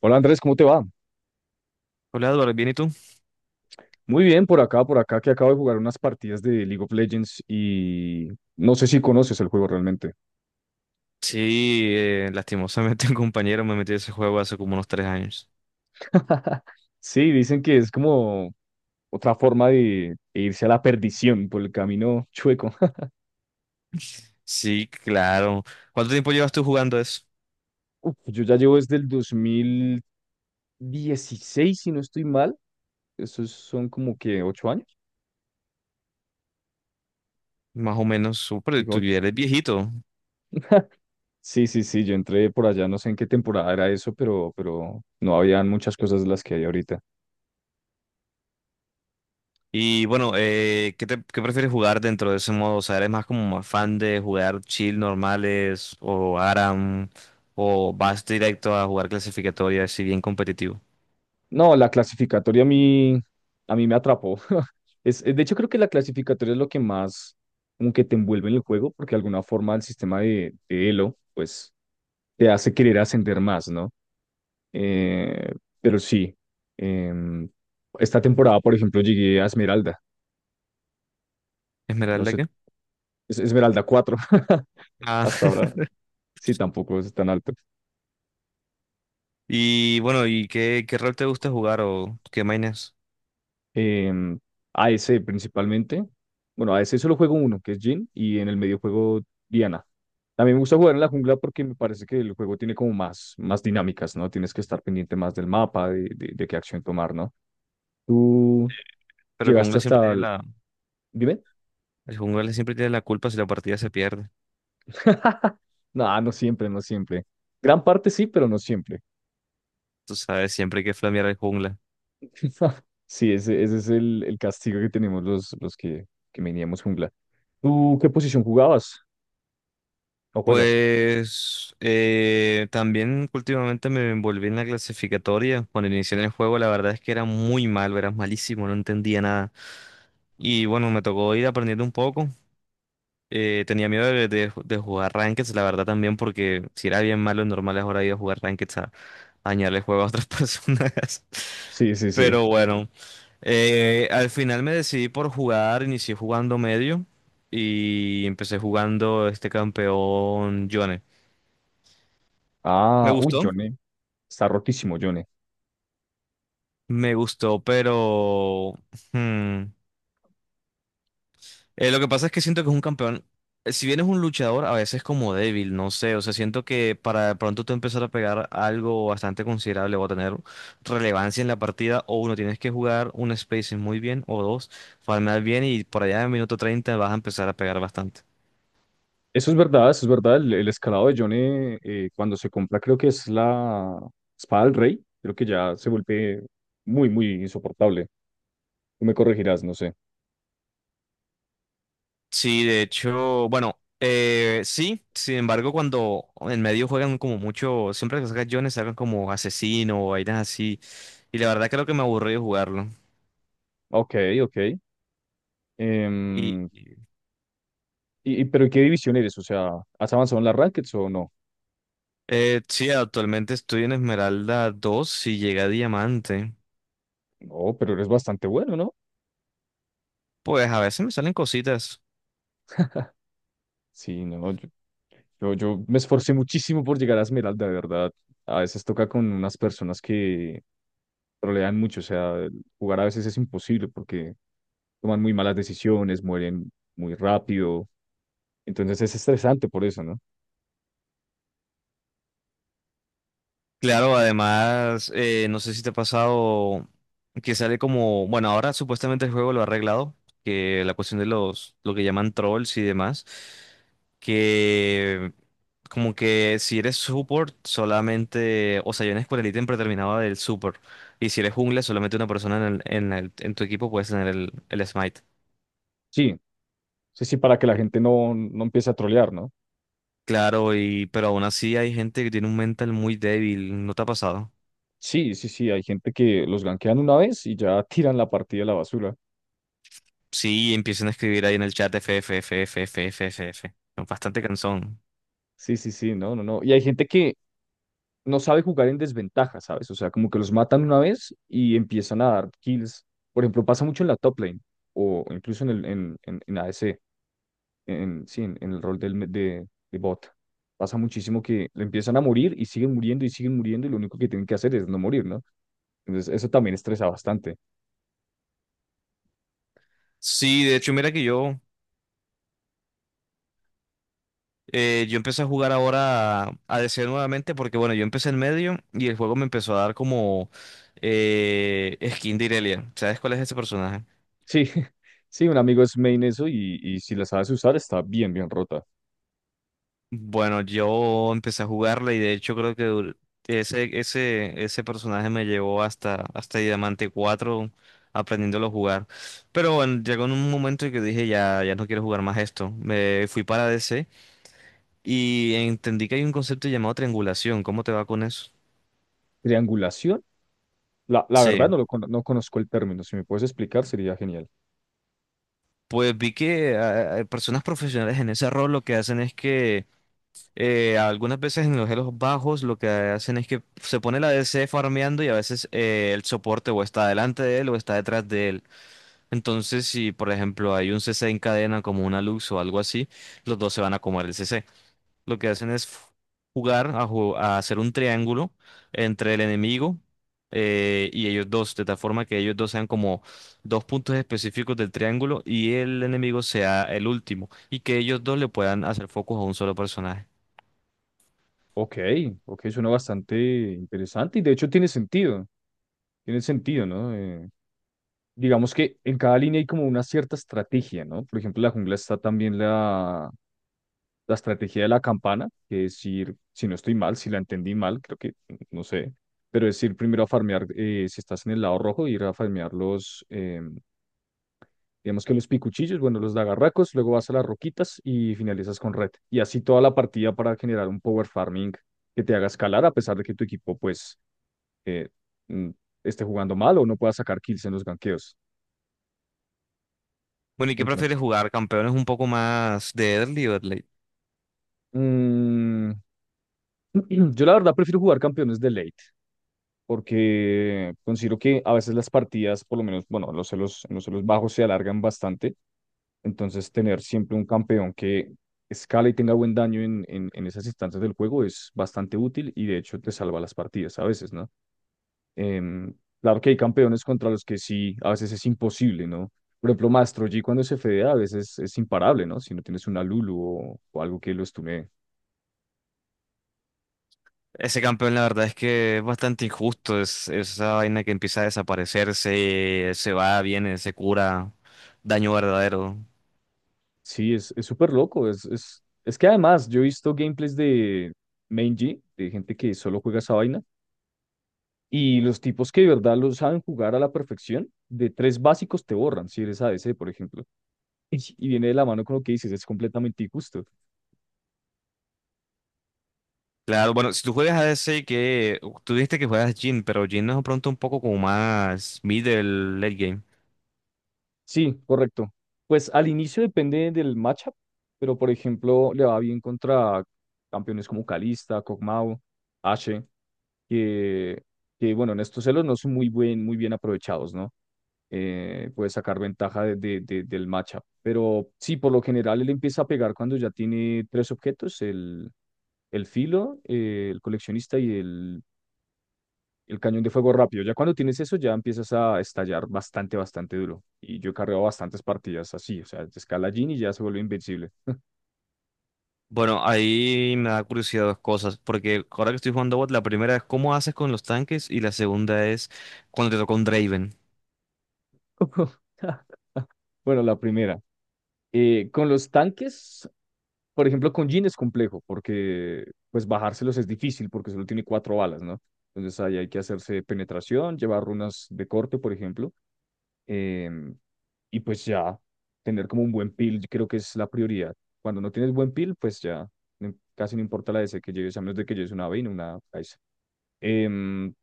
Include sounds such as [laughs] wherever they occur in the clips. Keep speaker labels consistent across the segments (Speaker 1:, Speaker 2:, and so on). Speaker 1: Hola Andrés, ¿cómo te va?
Speaker 2: Hola Eduardo, ¿bien y tú?
Speaker 1: Muy bien, por acá, que acabo de jugar unas partidas de League of Legends y no sé si conoces el juego realmente.
Speaker 2: Sí, lastimosamente [laughs] un compañero me metió ese juego hace como unos 3 años.
Speaker 1: [laughs] Sí, dicen que es como otra forma de irse a la perdición por el camino chueco. [laughs]
Speaker 2: Sí, claro. ¿Cuánto tiempo llevas tú jugando eso?
Speaker 1: Uf, yo ya llevo desde el 2016, si no estoy mal. Esos son como que 8 años.
Speaker 2: Más o menos, súper,
Speaker 1: Digo,
Speaker 2: tú
Speaker 1: 8.
Speaker 2: ya eres viejito.
Speaker 1: Sí, sí, sí, yo entré por allá, no sé en qué temporada era eso, pero no habían muchas cosas de las que hay ahorita.
Speaker 2: Y bueno, ¿Qué prefieres jugar dentro de ese modo? O sea, ¿eres más como más fan de jugar chill normales o ARAM o vas directo a jugar clasificatoria si bien competitivo?
Speaker 1: No, la clasificatoria a mí me atrapó. [laughs] Es, de hecho, creo que la clasificatoria es lo que más como que te envuelve en el juego, porque de alguna forma el sistema de Elo, pues, te hace querer ascender más, ¿no? Eh, pero sí, em, esta temporada, por ejemplo, llegué a Esmeralda, no
Speaker 2: ¿Esmeralda
Speaker 1: sé,
Speaker 2: qué?
Speaker 1: es Esmeralda 4. [laughs]
Speaker 2: Ah,
Speaker 1: Hasta
Speaker 2: [laughs]
Speaker 1: ahora, sí, tampoco es tan alto.
Speaker 2: y bueno, ¿y qué, qué rol te gusta jugar o qué mainas?
Speaker 1: em, AEC principalmente. Bueno, a AEC solo juego uno, que es Jhin, y en el medio juego Diana. También me gusta jugar en la jungla porque me parece que el juego tiene como más, más dinámicas, ¿no? Tienes que estar pendiente más del mapa, de qué acción tomar, ¿no? Tú
Speaker 2: Pero el
Speaker 1: llegaste
Speaker 2: jungla siempre
Speaker 1: hasta
Speaker 2: tiene
Speaker 1: el...
Speaker 2: la...
Speaker 1: Dime.
Speaker 2: El jungla siempre tiene la culpa si la partida se pierde.
Speaker 1: [laughs] No, no siempre, no siempre. Gran parte sí, pero no siempre.
Speaker 2: Tú sabes, siempre hay que flamear al jungla.
Speaker 1: [laughs] Sí, ese es el castigo que tenemos los que veníamos jungla. ¿Tú qué posición jugabas? ¿O juegas?
Speaker 2: Pues también últimamente me envolví en la clasificatoria. Cuando inicié en el juego, la verdad es que era muy malo, era malísimo, no entendía nada. Y bueno, me tocó ir aprendiendo un poco. Tenía miedo de jugar rankeds, la verdad también, porque si era bien malo en normales, ahora iba a jugar rankeds a dañarle el juego a otras [laughs] personas.
Speaker 1: Sí, sí, sí.
Speaker 2: Pero bueno. Al final me decidí por jugar, inicié jugando medio y empecé jugando este campeón Yone. Me
Speaker 1: Ah, uy,
Speaker 2: gustó,
Speaker 1: Johnny. Está rotísimo, Johnny.
Speaker 2: me gustó, pero hmm, lo que pasa es que siento que es un campeón, si bien es un luchador, a veces como débil, no sé, o sea, siento que para de pronto tú empezar a pegar algo bastante considerable o a tener relevancia en la partida, o uno tienes que jugar un spacing muy bien, o dos, farmear bien y por allá en minuto 30 vas a empezar a pegar bastante.
Speaker 1: Eso es verdad, eso es verdad. El escalado de Johnny, cuando se compra, creo que es la espada del rey. Creo que ya se vuelve muy, muy insoportable. Tú me corregirás, no sé.
Speaker 2: Sí, de hecho, bueno, sí, sin embargo, cuando en medio juegan como mucho, siempre que sacan Jones sacan como asesino o vainas así, y la verdad creo que me aburrí de jugarlo.
Speaker 1: Ok, ok.
Speaker 2: Y
Speaker 1: Em, pero ¿en qué división eres? O sea, ¿has avanzado en las rackets o no?
Speaker 2: sí, actualmente estoy en Esmeralda 2 y llegué a Diamante.
Speaker 1: No, pero eres bastante bueno, ¿no?
Speaker 2: Pues a veces me salen cositas.
Speaker 1: Sí, no, no, yo me esforcé muchísimo por llegar a Esmeralda, de verdad. A veces toca con unas personas que trolean mucho, o sea, jugar a veces es imposible porque toman muy malas decisiones, mueren muy rápido, entonces es estresante por eso, ¿no?
Speaker 2: Claro, además, no sé si te ha pasado que sale como, bueno, ahora supuestamente el juego lo ha arreglado, que la cuestión de los, lo que llaman trolls y demás, que como que si eres support solamente, o sea, yo en Escuela Elite siempre terminaba del support, y si eres jungla solamente una persona en en tu equipo puedes tener el smite.
Speaker 1: Sí, sí, sí, para que la gente no empiece a trolear, ¿no?
Speaker 2: Claro, y pero aún así hay gente que tiene un mental muy débil, ¿no te ha pasado?
Speaker 1: Sí, sí, sí, hay gente que los gankean una vez y ya tiran la partida a la basura.
Speaker 2: Sí, empiecen a escribir ahí en el chat F, F, F, F, F, F, F, F. Es bastante cansón.
Speaker 1: Sí, sí, sí, no, no, no. Y hay gente que no sabe jugar en desventaja, ¿sabes? O sea, como que los matan una vez y empiezan a dar kills. Por ejemplo, pasa mucho en la top lane o incluso en ADC. En, sí, en el rol de bot. Pasa muchísimo que le empiezan a morir y siguen muriendo y siguen muriendo y lo único que tienen que hacer es no morir, ¿no? Entonces, eso también estresa bastante.
Speaker 2: Sí, de hecho, mira que yo empecé a jugar ahora ADC nuevamente porque, bueno, yo empecé en medio y el juego me empezó a dar como skin de Irelia. ¿Sabes cuál es ese personaje?
Speaker 1: Sí, [laughs] sí, un amigo es main eso y si la sabes usar está bien, bien rota.
Speaker 2: Bueno, yo empecé a jugarla y de hecho creo que ese personaje me llevó hasta, hasta Diamante 4 aprendiéndolo a jugar. Pero bueno, llegó en un momento en que dije ya, ya no quiero jugar más esto. Me fui para DC y entendí que hay un concepto llamado triangulación. ¿Cómo te va con eso?
Speaker 1: Triangulación, la
Speaker 2: Sí.
Speaker 1: verdad no, lo, cono- no conozco el término, si me puedes explicar sería genial.
Speaker 2: Pues vi que personas profesionales en ese rol lo que hacen es que algunas veces en los Elos bajos lo que hacen es que se pone la DC farmeando y a veces el soporte o está delante de él o está detrás de él. Entonces, si por ejemplo hay un CC en cadena como una Lux o algo así, los dos se van a comer el CC. Lo que hacen es jugar a hacer un triángulo entre el enemigo y ellos dos, de tal forma que ellos dos sean como dos puntos específicos del triángulo y el enemigo sea el último y que ellos dos le puedan hacer focus a un solo personaje.
Speaker 1: Ok, ok, suena bastante interesante y de hecho tiene sentido, ¿no? Digamos que en cada línea hay como una cierta estrategia, ¿no? Por ejemplo, la jungla está también la estrategia de la campana, que es ir, si no estoy mal, si la entendí mal, creo que no sé, pero es ir primero a farmear, si estás en el lado rojo, ir a farmear los, digamos que los picuchillos, bueno, los dagarracos, luego vas a las roquitas y finalizas con red. Y así toda la partida para generar un power farming que te haga escalar a pesar de que tu equipo pues eh, mm, esté jugando mal o no pueda sacar kills en los ganqueos.
Speaker 2: Bueno, ¿y qué
Speaker 1: Entonces,
Speaker 2: prefieres jugar? ¿Campeones un poco más de early o de late?
Speaker 1: mm, [clears throat] yo la verdad prefiero jugar campeones de late. Porque considero que a veces las partidas, por lo menos, bueno, los celos bajos se alargan bastante, entonces tener siempre un campeón que escala y tenga buen daño en esas instancias del juego es bastante útil y de hecho te salva las partidas a veces, ¿no? Em, claro que hay campeones contra los que sí, a veces es imposible, ¿no? Por ejemplo, Maestro G cuando se fedea a veces es imparable, ¿no? Si no tienes una Lulu o algo que lo estune.
Speaker 2: Ese campeón, la verdad es que es bastante injusto. Es, esa vaina que empieza a desaparecerse, se va, viene, se cura. Daño verdadero.
Speaker 1: Sí, es súper loco. Es que además yo he visto gameplays de Main G, de gente que solo juega esa vaina, y los tipos que de verdad lo saben jugar a la perfección, de 3 básicos te borran, si eres a ADC, por ejemplo. [laughs] Y, y viene de la mano con lo que dices, es completamente injusto.
Speaker 2: Claro, bueno, si tú juegas a ADC, que tú dijiste que juegas Jhin, pero Jhin es de pronto un poco como más middle late game.
Speaker 1: Sí, correcto. Pues al inicio depende del matchup, pero por ejemplo, le va bien contra campeones como Kalista, Kog'Maw, Ashe, que, que bueno, en estos celos no son muy buen, muy bien aprovechados, ¿no? Puede sacar ventaja del matchup. Pero sí, por lo general él empieza a pegar cuando ya tiene 3 objetos, el filo, el coleccionista y el cañón de fuego rápido. Ya cuando tienes eso, ya empiezas a estallar bastante, bastante duro. Y yo he cargado bastantes partidas así, o sea, te escala Jhin y ya se vuelve invencible.
Speaker 2: Bueno, ahí me da curiosidad dos cosas, porque ahora que estoy jugando bot, la primera es cómo haces con los tanques y la segunda es cuando te toca un Draven.
Speaker 1: [laughs] Bueno, la primera. Con los tanques, por ejemplo, con Jhin es complejo, porque pues bajárselos es difícil, porque solo tiene 4 balas, ¿no? Entonces ahí hay que hacerse penetración, llevar runas de corte, por ejemplo. em, y pues ya, tener como un buen peel, yo creo que es la prioridad. Cuando no tienes buen peel, pues ya no- casi no importa la DC que lleves, a menos de que lleves una Vayne o una Kai'Sa. Em,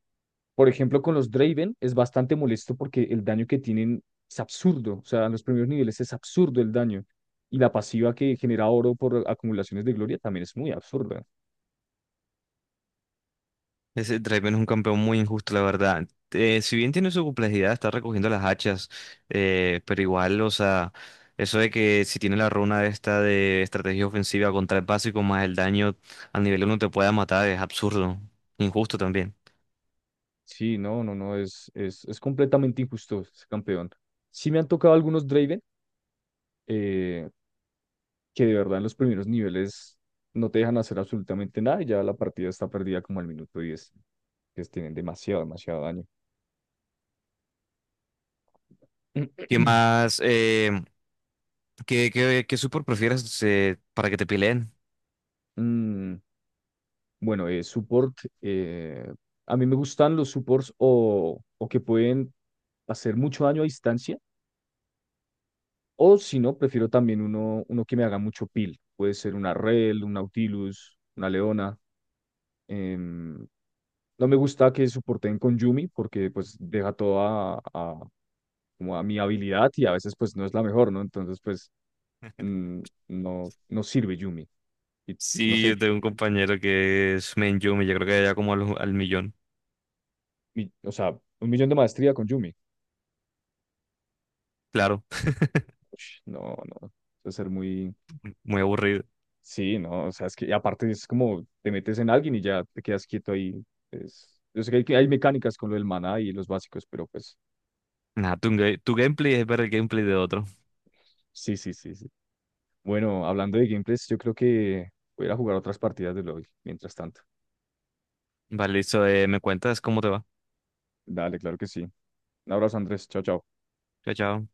Speaker 1: por ejemplo, con los Draven es bastante molesto porque el daño que tienen es absurdo. O sea, en los primeros niveles es absurdo el daño. Y la pasiva que genera oro por acumulaciones de gloria también es muy absurda.
Speaker 2: Ese Draven es un campeón muy injusto, la verdad. Si bien tiene su complejidad, está recogiendo las hachas, pero igual, o sea, eso de que si tiene la runa esta de estrategia ofensiva contra el básico más el daño al nivel 1 te pueda matar es absurdo, injusto también.
Speaker 1: Sí, no, no, no, es completamente injusto ese campeón. Sí me han tocado algunos Draven, eh, que de verdad en los primeros niveles no te dejan hacer absolutamente nada y ya la partida está perdida como al minuto 10, que tienen demasiado, demasiado daño.
Speaker 2: ¿Qué
Speaker 1: [clears throat]
Speaker 2: más? ¿Qué support prefieres para que te peleen?
Speaker 1: Mm, bueno, support. eh, a mí me gustan los supports o que pueden hacer mucho daño a distancia. O si no, prefiero también uno, uno que me haga mucho peel. Puede ser una Rell, un Nautilus, una Leona. Em, no me gusta que soporten con Yumi porque pues deja todo como a mi habilidad y a veces pues no es la mejor, ¿no? Entonces pues mm, no, no sirve Yumi. Y no
Speaker 2: Sí,
Speaker 1: sé,
Speaker 2: yo tengo un compañero que es main Yuumi, yo creo que ya como al, al millón.
Speaker 1: mi- o sea, un millón de maestría con Yumi.
Speaker 2: Claro,
Speaker 1: Ush, no, no, debe ser muy...
Speaker 2: [laughs] muy aburrido.
Speaker 1: Sí, no, o sea, es que y aparte es como te metes en alguien y ya te quedas quieto ahí. Es... Yo sé que hay mecánicas con lo del maná y los básicos, pero pues
Speaker 2: Nada, tu gameplay es ver el gameplay de otro.
Speaker 1: sí, sí, sí, sí. Bueno, hablando de gameplays, yo creo que voy a ir a jugar otras partidas de LOL mientras tanto.
Speaker 2: Vale, listo, me cuentas cómo te va.
Speaker 1: Dale, claro que sí. Un abrazo, Andrés. Chao, chao.
Speaker 2: Chao, chao.